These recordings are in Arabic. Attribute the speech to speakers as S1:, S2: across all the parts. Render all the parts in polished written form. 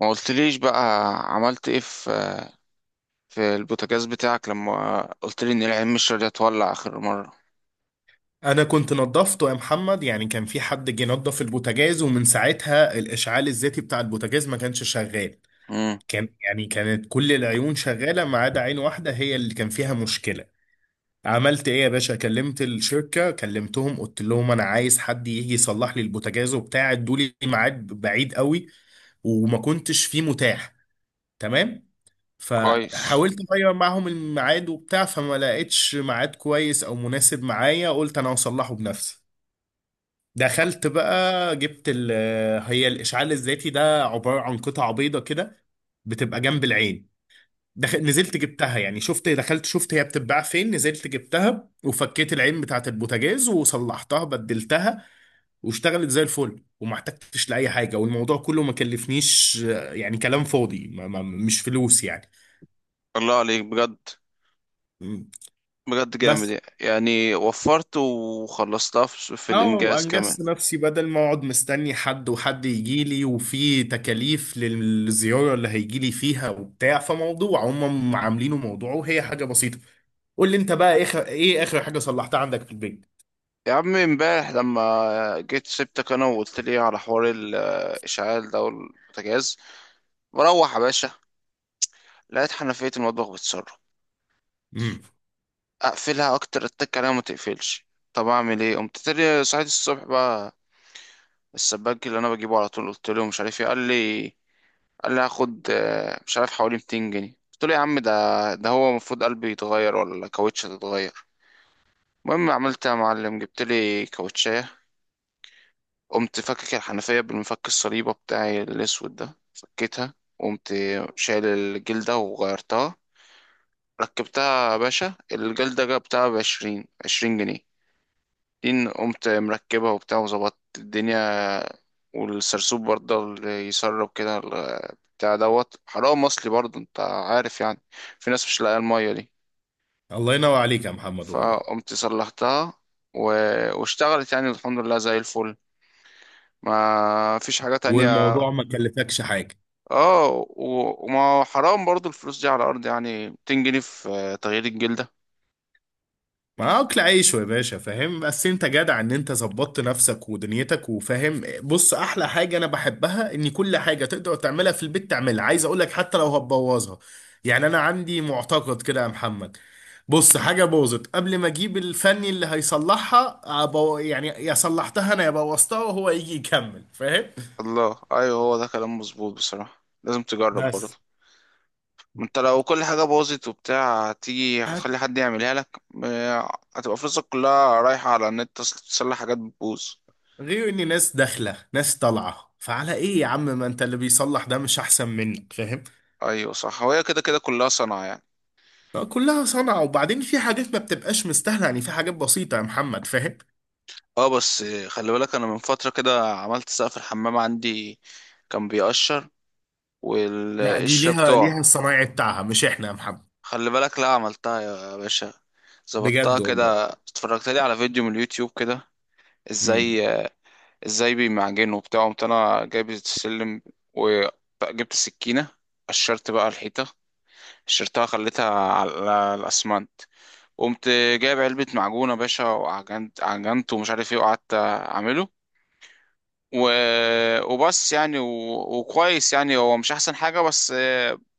S1: ما قلتليش بقى عملت ايه في البوتاجاز بتاعك لما قلتلي ان العين مش راضية تولع اخر مرة.
S2: انا كنت نظفته يا محمد، يعني كان في حد جه نظف البوتاجاز ومن ساعتها الاشعال الذاتي بتاع البوتاجاز ما كانش شغال.
S1: امم.
S2: يعني كانت كل العيون شغاله ما عدا عين واحده هي اللي كان فيها مشكله. عملت ايه يا باشا؟ كلمت الشركه، كلمتهم، قلت لهم انا عايز حد يجي يصلح لي البوتاجاز وبتاع، ادوا لي ميعاد بعيد قوي وما كنتش فيه متاح. تمام.
S1: كويس.
S2: فحاولت اغير معاهم الميعاد وبتاع، فما لقيتش ميعاد كويس او مناسب معايا، قلت انا هصلحه بنفسي. دخلت بقى جبت ال آه، هي الإشعال الذاتي ده عبارة عن قطعة بيضة كده، بتبقى جنب العين. نزلت جبتها، يعني شفت، دخلت شفت هي بتتباع فين، نزلت جبتها وفكيت العين بتاعت البوتاجاز وصلحتها، بدلتها، واشتغلت زي الفل وما احتجتش لأي حاجة. والموضوع كله ما كلفنيش، يعني كلام فاضي، ما ما مش فلوس يعني.
S1: الله عليك بجد.
S2: م.
S1: بجد
S2: بس
S1: جامد يعني، وفرت وخلصتها في
S2: اه،
S1: الانجاز كمان.
S2: انجزت نفسي بدل ما اقعد مستني حد، وحد يجي لي وفي تكاليف للزياره اللي هيجي لي فيها وبتاع، فموضوع هم عاملينه موضوع وهي حاجه بسيطه. قول لي انت بقى، اخر حاجه صلحتها عندك في البيت؟
S1: يا عم، امبارح لما جيت سبتك انا وقلتلي على حوار الاشعال ده والبوتاجاز، بروح يا باشا لقيت حنفية المطبخ بتسرب.
S2: امم.
S1: اقفلها اكتر اتك عليها ما تقفلش. طب اعمل ايه؟ قمت تاني صحيت الصبح بقى السباك اللي انا بجيبه على طول، قلت له مش عارف ايه. قال لي هاخد مش عارف حوالي 200 جنيه. قلت له يا عم، ده هو المفروض قلبي يتغير ولا كاوتش تتغير؟ المهم عملت يا معلم، جبت لي كاوتشايه. قمت فكك الحنفيه بالمفك الصليبه بتاعي الاسود ده، فكيتها وقمت شايل الجلده وغيرتها. ركبتها يا باشا، الجلده جبتها بعشرين، 20 جنيه. دين قمت مركبها وبتاع وظبطت الدنيا. والسرسوب برضه اللي يسرب كده بتاع دوت، حرام اصلي برضه انت عارف يعني، في ناس مش لاقيه الميه دي.
S2: الله ينور عليك يا محمد، والله.
S1: فقمت صلحتها و... واشتغلت يعني الحمد لله زي الفل. ما فيش حاجة تانية.
S2: والموضوع ما كلفكش حاجه.
S1: اه، وما حرام برضه الفلوس دي على الارض، يعني 200 جنيه في تغيير الجلدة.
S2: ما اكل عيش يا باشا، فاهم؟ بس انت جدع ان انت ظبطت نفسك ودنيتك، وفاهم، بص احلى حاجه انا بحبها ان كل حاجه تقدر تعملها في البيت تعملها، عايز اقول لك حتى لو هتبوظها. يعني انا عندي معتقد كده يا محمد، بص، حاجه باظت قبل ما اجيب الفني اللي هيصلحها، يعني يا صلحتها انا يا بوظتها وهو يجي يكمل، فاهم؟
S1: الله، ايوه، هو ده كلام مظبوط. بصراحة لازم تجرب برضه،
S2: بس
S1: ما انت لو كل حاجة باظت وبتاع هتيجي
S2: هت-
S1: هتخلي حد يعملها لك، هتبقى فلوسك كلها رايحة على النت تصلح حاجات بتبوظ.
S2: غير ان ناس داخله ناس طالعه، فعلى ايه يا عم؟ ما انت اللي بيصلح ده مش احسن منك، فاهم؟
S1: ايوه صح، هو هي كده كده كلها صنعة يعني.
S2: لا، كلها صنعة، وبعدين في حاجات ما بتبقاش مستاهلة يعني، في حاجات بسيطة يا محمد، فاهم؟
S1: اه بس خلي بالك، انا من فترة كده عملت سقف الحمام عندي، كان بيقشر
S2: لا دي
S1: والقشرة
S2: ليها
S1: بتوع.
S2: ليها الصنايعي بتاعها مش احنا يا محمد.
S1: خلي بالك لا، عملتها يا باشا، ظبطتها
S2: بجد والله.
S1: كده، اتفرجت لي على فيديو من اليوتيوب كده
S2: امم.
S1: ازاي. ازاي بيمعجنوا وبتاع، قمت انا جايب السلم وجبت السكينة، قشرت بقى الحيطة، قشرتها خليتها على الأسمنت. قمت جايب علبة معجون يا باشا، وعجنت ومش عارف ايه، وقعدت أعمله و... وبس يعني وكويس يعني، هو مش احسن حاجة بس،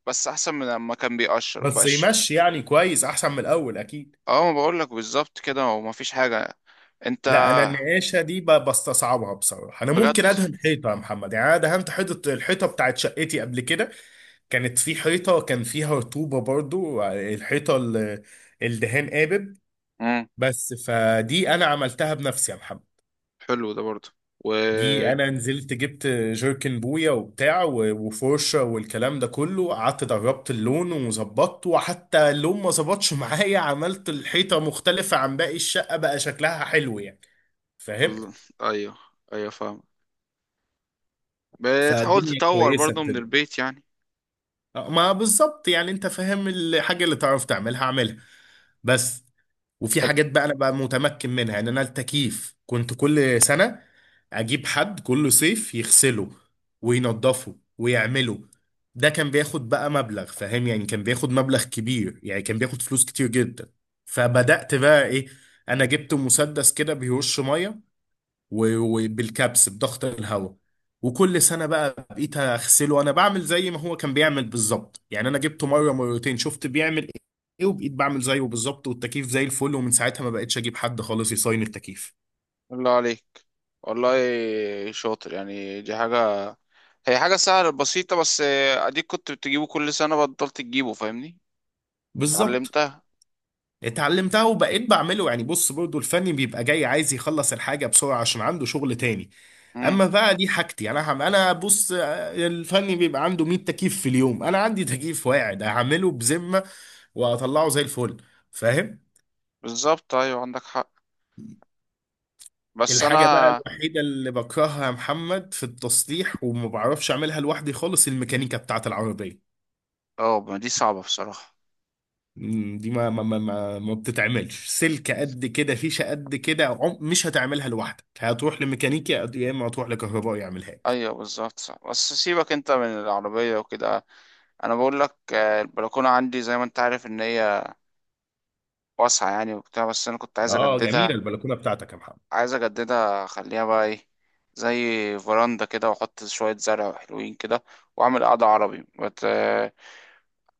S1: بس احسن من لما كان بيقشر
S2: بس
S1: بقاش.
S2: يمشي يعني كويس، احسن من الاول اكيد.
S1: اه، ما بقول لك بالظبط كده، هو ما فيش حاجة. انت.
S2: لا انا النقاشة دي بستصعبها بصراحة، انا
S1: بجد.
S2: ممكن ادهن حيطة يا محمد، يعني انا دهنت حيطة، الحيطة بتاعت شقتي قبل كده، كانت في حيطة كان فيها رطوبة، برضو الحيطة الدهان قابب،
S1: امم.
S2: بس فدي انا عملتها بنفسي يا محمد.
S1: حلو ده برضه. و
S2: دي
S1: ال-
S2: انا نزلت جبت جيركن بويا وبتاع و- وفرشه والكلام ده كله، قعدت دربت اللون وظبطته، وحتى اللون ما ظبطش معايا، عملت الحيطه مختلفه عن باقي الشقه، بقى شكلها حلو يعني، فاهم؟
S1: ايوه، ايوه فاهم. بتحاول
S2: فالدنيا
S1: تطور
S2: كويسه
S1: برضه من
S2: بتبقى.
S1: البيت يعني.
S2: ما بالظبط، يعني انت فاهم، الحاجه اللي تعرف تعملها اعملها بس. وفي
S1: حلو.
S2: حاجات بقى انا بقى متمكن منها، يعني انا التكييف كنت كل سنه اجيب حد كل صيف يغسله وينضفه ويعمله، ده كان بياخد بقى مبلغ، فاهم؟ يعني كان بياخد مبلغ كبير، يعني كان بياخد فلوس كتير جدا. فبدأت بقى ايه، انا جبت مسدس كده بيرش ميه و- وبالكبس بضغط الهواء، وكل سنه بقى بقيت اغسله انا، بعمل زي ما هو كان بيعمل بالظبط، يعني انا جبته مره مرتين شفت بيعمل ايه وبقيت بعمل زيه بالظبط، والتكييف زي الفل، ومن ساعتها ما بقتش اجيب حد خالص يصين التكييف.
S1: الله عليك والله، شاطر يعني، دي حاجة. هي حاجة سهلة بسيطة بس، اديك كنت بتجيبه كل سنة بطلت تجيبه، فاهمني.
S2: بالظبط.
S1: اتعلمتها.
S2: اتعلمتها وبقيت بعمله، يعني بص برضو الفني بيبقى جاي عايز يخلص الحاجة بسرعة عشان عنده شغل تاني، اما بقى دي حاجتي انا، هم انا بص، الفني بيبقى عنده 100 تكييف في اليوم، انا عندي تكييف واحد هعمله بذمة واطلعه زي الفل، فاهم؟
S1: بالظبط، ايوه عندك حق. بس انا.
S2: الحاجة بقى الوحيدة اللي بكرهها يا محمد في التصليح وما بعرفش أعملها لوحدي خالص الميكانيكا بتاعة العربية.
S1: اه، ما دي صعبة بصراحة.
S2: دي ما بتتعملش، سلك قد كده، فيشة قد كده، مش هتعملها لوحدك، هتروح لميكانيكي يا إما هتروح لكهربائي يعملها لك.
S1: ايوه بالظبط صعب، بس سيبك انت من العربية وكده. انا بقول لك، البلكونة عندي زي ما انت عارف ان هي واسعة يعني وبتاع، بس انا كنت عايز
S2: آه جميلة
S1: اجددها.
S2: البلكونة بتاعتك يا محمد.
S1: عايز اجددها اخليها بقى ايه؟ زي فراندا كده، واحط شوية زرع حلوين كده، واعمل قعدة عربي بت... آه،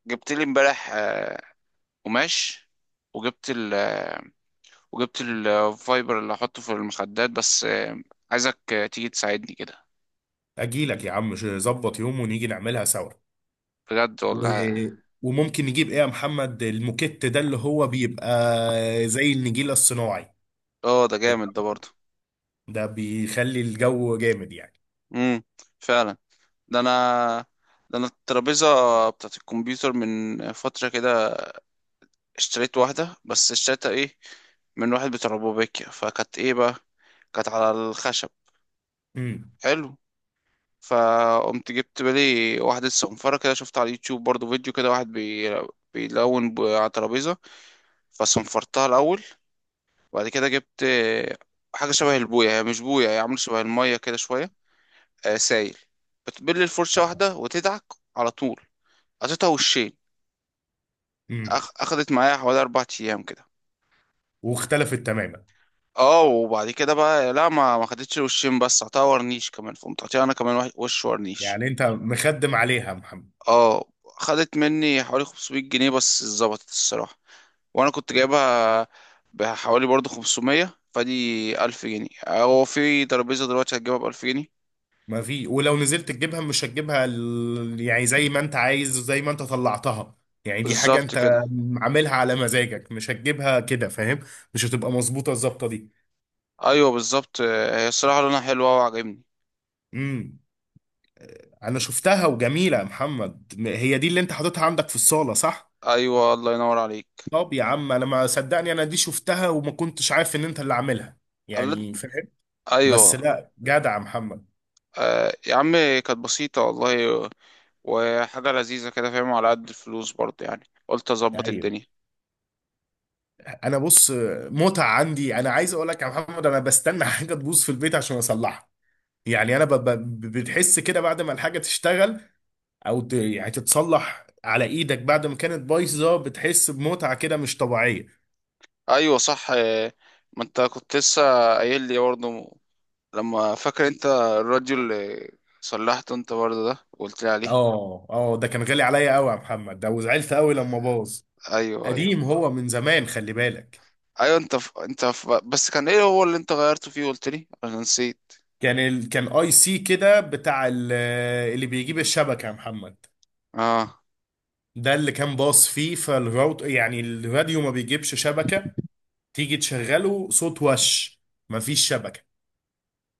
S1: جبت لي امبارح قماش، وجبت ال وجبت الفايبر اللي احطه في المخدات، بس عايزك تيجي تساعدني كده.
S2: أجيلك يا عم، ظبط يوم ونيجي نعملها سوا.
S1: بجد
S2: و...
S1: والله.
S2: وممكن نجيب إيه يا محمد، الموكيت ده اللي هو بيبقى زي النجيلة الصناعي،
S1: اه، ده جامد ده برضه.
S2: ده بيخلي الجو جامد يعني.
S1: امم. فعلا. ده انا ده انا الترابيزه بتاعت الكمبيوتر من فتره كده، اشتريت واحده، بس اشتريتها ايه؟ من واحد بتاع روبوبيكيا، فكانت ايه بقى؟ كانت على الخشب.
S2: امم.
S1: حلو. فقمت جبت بالي واحده صنفره كده، شفت على اليوتيوب برضه فيديو كده واحد بيلون على ترابيزه. فصنفرتها الاول، وبعد كده جبت حاجه شبه البويه، هي مش بويه، هي عامله شبه الميه كده شويه، آه سايل. بتبل الفرشة واحدة وتدعك على طول قطعتها وشين.
S2: امم.
S1: أخدت معايا حوالي 4 أيام كده.
S2: واختلفت تماما.
S1: اه، وبعد كده بقى لا، ما خدتش وشين بس، قطعتها ورنيش كمان، فقمت قاطعها أنا كمان وش ورنيش.
S2: يعني انت مخدم عليها يا محمد.
S1: اه، خدت مني حوالي 500 جنيه بس اتظبطت الصراحة. وأنا كنت
S2: مم.
S1: جايبها بحوالي برضه 500. فدي 1000 جنيه، هو في ترابيزة دلوقتي هتجيبها بألف جنيه؟
S2: ما في، ولو نزلت تجيبها مش هتجيبها، يعني زي ما انت عايز، زي ما انت طلعتها، يعني دي حاجة
S1: بالظبط
S2: انت
S1: كده.
S2: عاملها على مزاجك، مش هتجيبها كده، فاهم؟ مش هتبقى مظبوطة الظبطة دي.
S1: أيوه بالظبط، هي الصراحة لونها حلوة وعجبني.
S2: امم. انا شفتها وجميلة يا محمد، هي دي اللي انت حاططها عندك في الصالة صح؟
S1: أيوه، الله ينور عليك.
S2: طب يا عم انا ما صدقني، انا دي شفتها وما كنتش عارف ان انت اللي عاملها، يعني فاهم؟
S1: ايوه.
S2: بس لا جدع يا محمد.
S1: آه يا عم، كانت بسيطه والله، وحاجه لذيذه كده فاهم، على قد الفلوس برضه يعني قلت اظبط
S2: ايوه.
S1: الدنيا.
S2: انا بص، متعه عندي، انا عايز اقول لك يا محمد، انا بستنى حاجه تبوظ في البيت عشان اصلحها، يعني انا بتحس كده بعد ما الحاجه تشتغل، او يعني تتصلح على ايدك، بعد ما كانت بايظه بتحس بمتعه كده مش طبيعيه.
S1: ايوه صح آه، ما انت كنت لسه قايل لي برضه لما، فاكر انت الراديو اللي صلحته انت برضه ده وقلت لي عليه؟
S2: اه، اه، ده كان غالي عليا قوي يا محمد ده، وزعلت قوي لما باظ،
S1: ايوه ايوه.
S2: قديم هو من زمان، خلي بالك.
S1: ايوه بس كان ايه هو اللي انت غيرته فيه؟ قلت لي انا نسيت.
S2: كان اي سي كده بتاع اللي بيجيب الشبكه يا محمد،
S1: اه،
S2: ده اللي كان باص فيه فالراوت، يعني الراديو ما بيجيبش شبكه، تيجي تشغله صوت وش مفيش شبكة.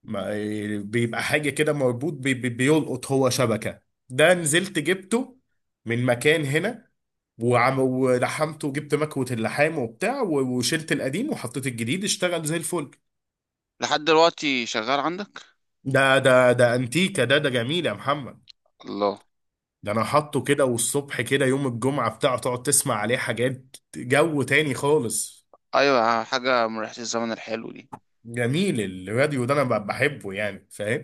S2: ما بيبقى حاجة كده مربوط بي بي بيلقط هو شبكة. ده نزلت جبته من مكان هنا، وعم ولحمته، وجبت مكوة اللحام وبتاع و- وشلت القديم وحطيت الجديد، اشتغل زي الفل.
S1: لحد دلوقتي شغال عندك؟
S2: ده انتيكا، ده جميل يا محمد،
S1: الله.
S2: ده انا حاطه كده، والصبح كده يوم الجمعة بتاعه، تقعد تسمع عليه حاجات جو تاني خالص.
S1: ايوه، حاجه من ريحه الزمن الحلو دي.
S2: جميل. الراديو ده انا بحبه يعني، فاهم؟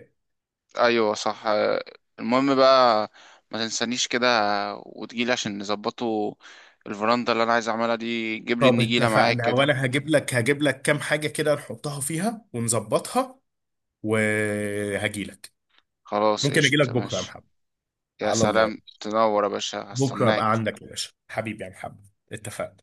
S1: ايوه صح، المهم بقى ما تنسانيش كده وتجيلي عشان نظبطه. الفرندا اللي انا عايز اعملها دي، جيب لي
S2: طب
S1: النجيله معاك
S2: اتفقنا،
S1: كده.
S2: وانا هجيب لك كام حاجة كده نحطها فيها ونظبطها، وهجي لك.
S1: خلاص
S2: ممكن اجي لك
S1: قشطة
S2: بكرة يا
S1: ماشي.
S2: محمد،
S1: يا
S2: على الله
S1: سلام،
S2: يعني.
S1: تنور يا باشا،
S2: بكرة ابقى
S1: هستناك.
S2: عندك يا باشا، حبيبي يا محمد. اتفقنا.